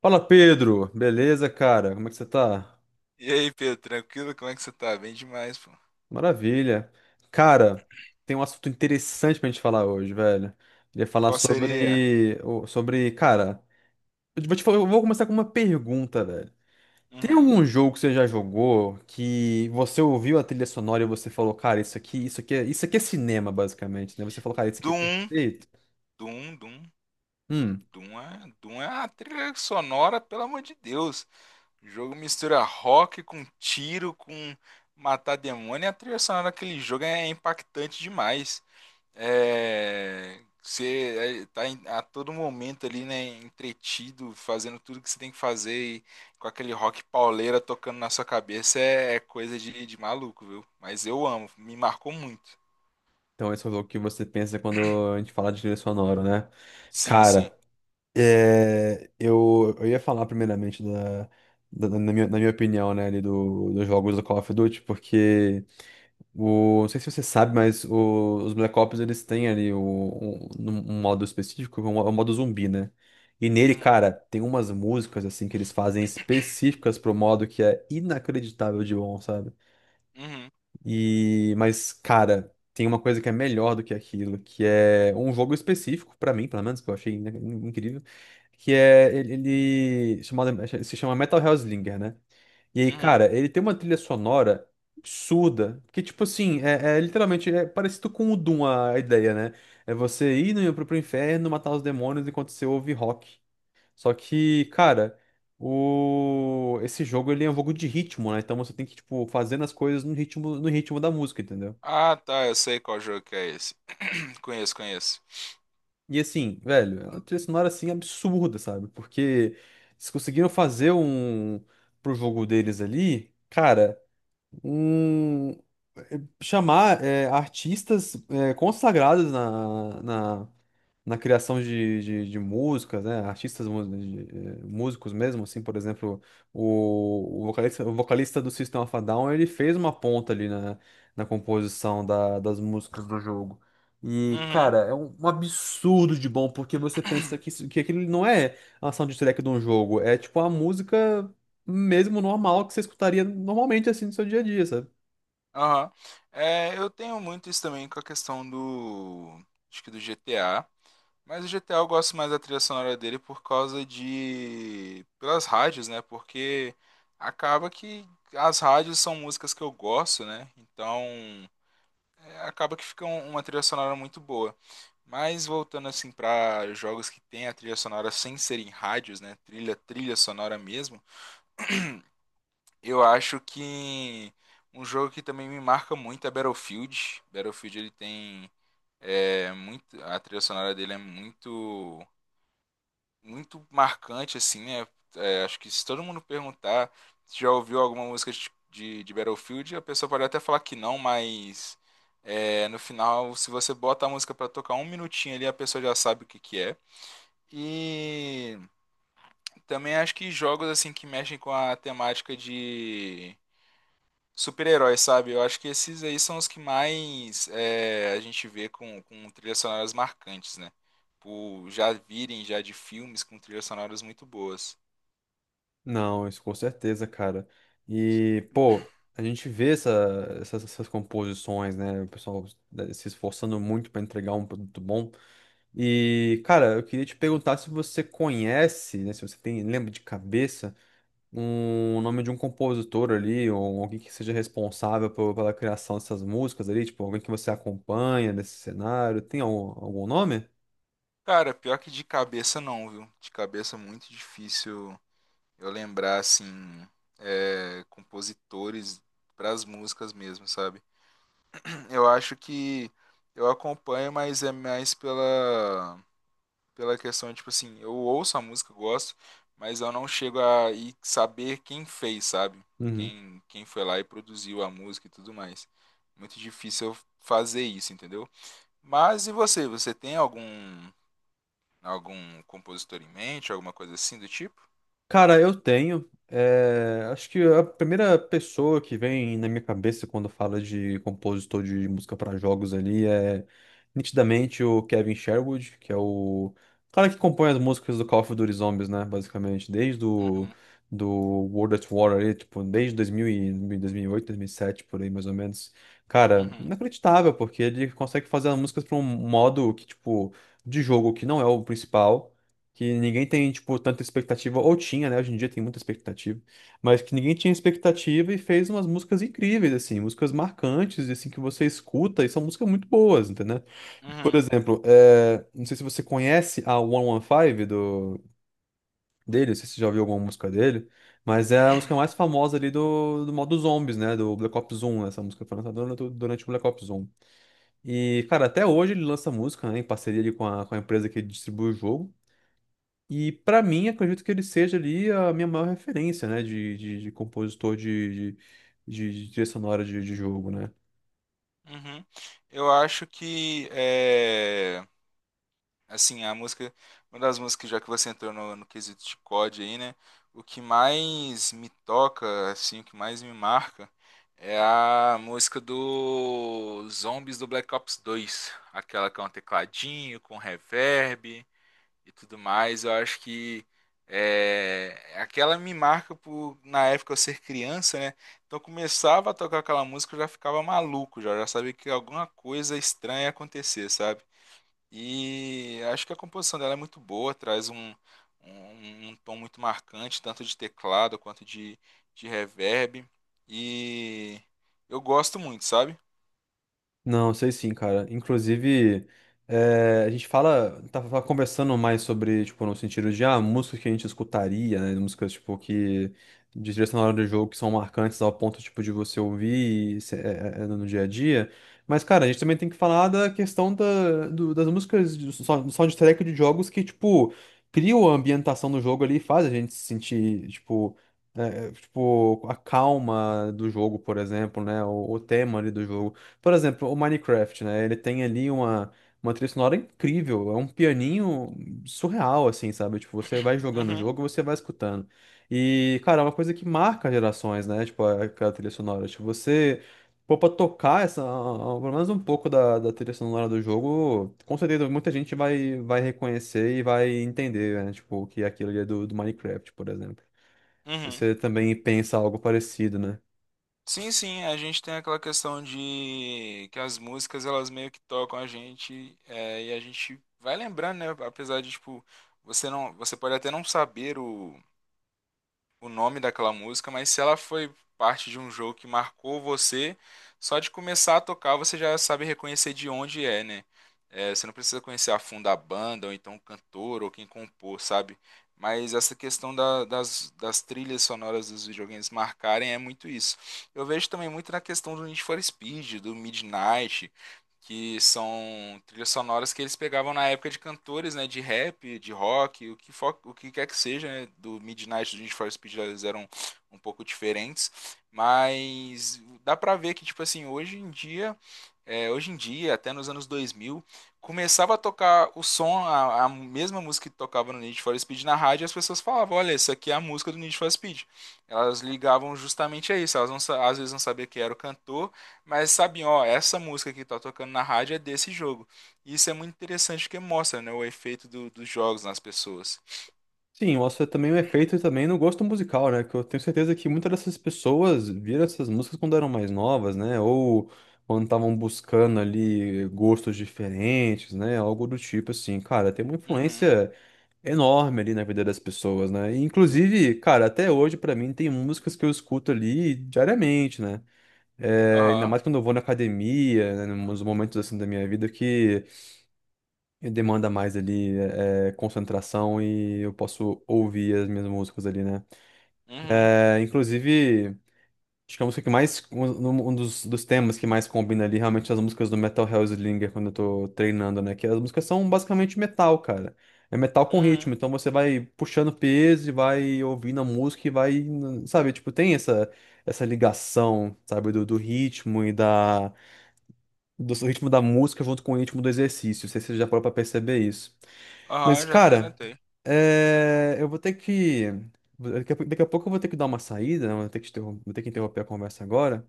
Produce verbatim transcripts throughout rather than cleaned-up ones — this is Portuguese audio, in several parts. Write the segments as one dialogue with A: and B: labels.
A: Fala, Pedro. Beleza, cara? Como é que você tá?
B: E aí, Pedro, tranquilo? Como é que você tá? Bem demais, pô.
A: Maravilha. Cara, tem um assunto interessante pra gente falar hoje, velho. Queria falar
B: Qual seria?
A: sobre, o- sobre, cara, eu vou te fa- eu vou começar com uma pergunta, velho. Tem
B: Uhum.
A: algum jogo que você já jogou que você ouviu a trilha sonora e você falou, cara, isso aqui, isso aqui, é- isso aqui é cinema, basicamente, né? Você falou, cara, isso aqui é
B: Doom,
A: perfeito.
B: Doom, Doom,
A: Hum,
B: Doom é, Doom é a trilha sonora, pelo amor de Deus. O jogo mistura rock com tiro, com matar demônio, e a trilha sonora daquele jogo é impactante demais. É, você é, tá a todo momento ali, né, entretido, fazendo tudo que você tem que fazer e com aquele rock pauleira tocando na sua cabeça é, é coisa de, de maluco, viu? Mas eu amo, me marcou muito.
A: então esse é o jogo que você pensa quando a gente fala de trilha sonora, né?
B: Sim, sim.
A: Cara, é, eu, eu ia falar primeiramente da, da- da- na minha, na minha opinião, né, ali do, dos jogos do Call of Duty, porque o, não sei se você sabe, mas o- os Black Ops eles têm ali o, um, um um modo específico, que é o modo zumbi, né? E nele,
B: Uhum,
A: cara, tem umas músicas assim que eles fazem específicas pro modo que é inacreditável de bom, sabe?
B: uhum,
A: E, mas, cara, tem uma coisa que é melhor do que aquilo, que é um jogo específico, pra mim, pelo menos, que eu achei in- in- incrível, que é ele, ele chamado, se chama Metal Hellslinger, né? E aí,
B: uhum.
A: cara, ele tem uma trilha sonora absurda, que, tipo assim, é, é literalmente é parecido com o Doom a a ideia, né? É você ir no, pro, pro inferno, matar os demônios enquanto você ouve rock. Só que, cara, o... esse jogo ele é um jogo de ritmo, né? Então você tem que, tipo, fazendo as coisas no ritmo, no ritmo da música, entendeu?
B: Ah, tá, eu sei qual jogo que é esse. Conheço, conheço.
A: E assim, velho, é uma trilha sonora assim absurda, sabe? Porque eles conseguiram fazer um pro jogo deles ali, cara, um chamar é, artistas é, consagrados na, na na criação de, de, de músicas, né? Artistas, mu- de- eh, músicos mesmo, assim, por exemplo, o, o vocalista, o vocalista do System of a Down, ele fez uma ponta ali na, na composição da- das músicas do jogo. E,
B: Uhum,
A: cara, é um, um absurdo de bom, porque você pensa que, isso- que aquilo não é a soundtrack de um jogo, é tipo a música mesmo normal que você escutaria normalmente, assim, no seu dia a dia, sabe?
B: aham. É, eu tenho muito isso também com a questão do, acho que do G T A. Mas o G T A eu gosto mais da trilha sonora dele por causa de pelas rádios, né? Porque acaba que as rádios são músicas que eu gosto, né? Então é, acaba que fica um- uma trilha sonora muito boa. Mas voltando assim para jogos que tem a trilha sonora sem serem rádios, né? Trilha, trilha sonora mesmo. Eu acho que um jogo que também me marca muito é Battlefield. Battlefield ele tem é muito, a trilha sonora dele é muito muito marcante, assim, né? É, acho que se todo mundo perguntar se já ouviu alguma música de, de, de Battlefield, a pessoa pode até falar que não, mas é, no final, se você bota a música pra tocar um minutinho ali, a pessoa já sabe o que que é. E também acho que jogos assim que mexem com a temática de super-heróis, sabe? Eu acho que esses aí são os que mais é, a gente vê com, com trilhas sonoras marcantes, né? Por já virem já de filmes com trilhas sonoras muito boas.
A: Não, isso com certeza, cara. E, pô, a gente vê essa- essas, essas composições, né? O pessoal, né, se esforçando muito para entregar um produto bom. E, cara, eu queria te perguntar se você conhece, né? Se você tem, lembra de cabeça, um o nome de um compositor ali, ou alguém que seja responsável por- pela criação dessas músicas ali, tipo, alguém que você acompanha nesse cenário. Tem algum, algum nome?
B: Cara, pior que de cabeça não, viu? De cabeça é muito difícil eu lembrar, assim, é, compositores pras músicas mesmo, sabe? Eu acho que eu acompanho, mas é mais pela, pela questão, tipo assim, eu ouço a música, eu gosto, mas eu não chego a ir saber quem fez, sabe?
A: Uhum.
B: Quem, quem foi lá e produziu a música e tudo mais. Muito difícil eu fazer isso, entendeu? Mas e você? Você tem algum algum compositor em mente, alguma coisa assim do tipo?
A: Cara, eu tenho. Eh, acho que a primeira pessoa que vem na minha cabeça quando fala de compositor de música para jogos ali é nitidamente o Kevin Sherwood, que é o cara que compõe as músicas do Call of Duty Zombies, né? Basicamente, desde o
B: Uhum,
A: do World at War ali, tipo, desde dois mil e dois dois mil mil e oito dois mil e sete por aí mais ou menos. Cara,
B: uhum,
A: inacreditável, porque ele consegue fazer as músicas para um modo que, tipo, de jogo que não é o principal, que ninguém tem, tipo, tanta expectativa, ou tinha, né? Hoje em dia tem muita expectativa, mas que ninguém tinha expectativa e fez umas músicas incríveis, assim, músicas marcantes, assim, que você escuta e são músicas muito boas, entendeu? Por
B: uhum,
A: exemplo, é, não sei se você conhece a cento e quinze do, dele, não sei se você já ouviu alguma música dele, mas é a música mais famosa ali do, do modo Zombies, né? Do Black Ops um, né? Essa música foi lançada durante durante o Black Ops um. E, cara, até hoje ele lança música, né, em parceria ali com a, com a empresa que distribui o jogo. E pra mim, acredito que ele seja ali a minha maior referência, né, de, de, de compositor de, de, de, de trilha sonora de, de jogo, né?
B: uhum. Eu acho que é, assim, a música, uma das músicas, já que você entrou no, no quesito de C O D aí, né? O que mais me toca, assim, o que mais me marca é a música do Zombies do Black Ops dois, aquela com tecladinho, com reverb e tudo mais. Eu acho que é, aquela me marca por na época eu ser criança, né? Então eu começava a tocar aquela música, eu já ficava maluco, já, já sabia que alguma coisa estranha ia acontecer, sabe? E acho que a composição dela é muito boa, traz um, um, um tom muito marcante, tanto de teclado quanto de, de reverb. E eu gosto muito, sabe?
A: Não, sei sim, cara. Inclusive, eh, a gente fala, tava conversando mais sobre, tipo, no sentido de, ah, músicas que a gente escutaria, né? Músicas, tipo, que de trilha sonora do jogo que são marcantes ao ponto, tipo, de você ouvir e se- eh, eh, eh, no dia a dia. Mas, cara, a gente também tem que falar da questão da, do- das músicas de sou- soundtrack de jogos que, tipo, criam a ambientação do jogo ali e faz a gente se sentir, tipo, eh, eh, tipo, a calma do jogo, por exemplo, né? O, o tema ali do jogo. Por exemplo, o Minecraft, né? Ele tem ali uma, uma trilha sonora incrível, é um pianinho surreal, assim, sabe? Tipo, você vai jogando o
B: Uhum,
A: jogo, você vai escutando. E, cara, é uma coisa que marca gerações, né? Tipo, a- aquela trilha sonora. Tipo, você, pô, pra tocar essa, pelo menos um pouco da, da trilha sonora do jogo, com certeza muita gente vai, vai reconhecer e vai entender, né? Tipo, que é aquilo ali é do, do Minecraft, por exemplo.
B: uhum.
A: Você também pensa algo parecido, né?
B: Sim, sim, a gente tem aquela questão de que as músicas elas meio que tocam a gente é, e a gente vai lembrando, né? Apesar de tipo você não, você pode até não saber o, o nome daquela música, mas se ela foi parte de um jogo que marcou você, só de começar a tocar você já sabe reconhecer de onde é, né? É, você não precisa conhecer a fundo a banda, ou então o cantor, ou quem compôs, sabe? Mas essa questão da- das, das trilhas sonoras dos videogames marcarem é muito isso. Eu vejo também muito na questão do Need for Speed, do Midnight, que são trilhas sonoras que eles pegavam na época de cantores, né, de rap, de rock, o que, fo- o que quer que seja, né, do Midnight, do Need for Speed, eles eram um pouco diferentes, mas dá pra ver que, tipo assim, hoje em dia, é, hoje em dia, até nos anos dois mil, começava a tocar o som, a, a mesma música que tocava no Need for Speed na rádio, e as pessoas falavam, olha, isso aqui é a música do Need for Speed. Elas ligavam justamente a isso, elas não, sa- às vezes não sabiam quem era o cantor, mas sabem, ó, essa música que tá tocando na rádio é desse jogo. E isso é muito interessante porque mostra, né, o efeito do- dos jogos nas pessoas.
A: Sim, eu acho que é também um efeito também no gosto musical, né? Que eu tenho certeza que muitas dessas pessoas viram essas músicas quando eram mais novas, né? Ou quando estavam buscando ali gostos diferentes, né? Algo do tipo assim. Cara, tem uma
B: Uhum,
A: influência enorme ali na vida das pessoas, né? E, inclusive, cara, até hoje pra mim tem músicas que eu escuto ali diariamente, né? É, ainda
B: aham,
A: mais quando eu vou na academia, né, nos momentos assim da minha vida que e demanda mais ali é, é, concentração e eu posso ouvir as minhas músicas ali, né?
B: uhum,
A: É, inclusive, acho que a música que mais. Um, um um dos, dos temas que mais combina ali, realmente, são as músicas do Metal Hellslinger, quando eu tô treinando, né? Que as músicas são basicamente metal, cara. É metal com
B: uhum,
A: ritmo, então você vai puxando peso e vai ouvindo a música e vai. Sabe, tipo, tem essa, essa ligação, sabe, do, do ritmo e da. Do ritmo da música junto com o ritmo do exercício. Não sei se você já parou pra perceber isso.
B: aham,
A: Mas,
B: já até
A: cara,
B: anotei.
A: é, eu vou ter que. Daqui a, pou- daqui a pouco eu vou ter que dar uma saída, né? Vou ter que, interrom- vou ter que interromper a conversa agora,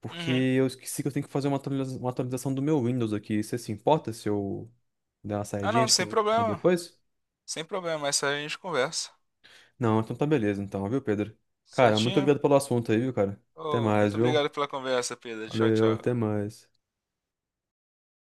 A: porque
B: Uhum.
A: eu esqueci que eu tenho que fazer uma atualiza- uma atualização do meu Windows aqui. Você se importa se eu der uma
B: Ah,
A: saidinha
B: não,
A: de
B: sem problema,
A: depois?
B: sem problema, essa a gente conversa.
A: Não, então tá beleza, então, viu, Pedro? Cara, muito
B: Certinho?
A: obrigado pelo assunto aí, viu, cara? Até
B: Oh,
A: mais,
B: muito
A: viu?
B: obrigado pela conversa, Pedro. Tchau,
A: Valeu, até
B: tchau.
A: mais.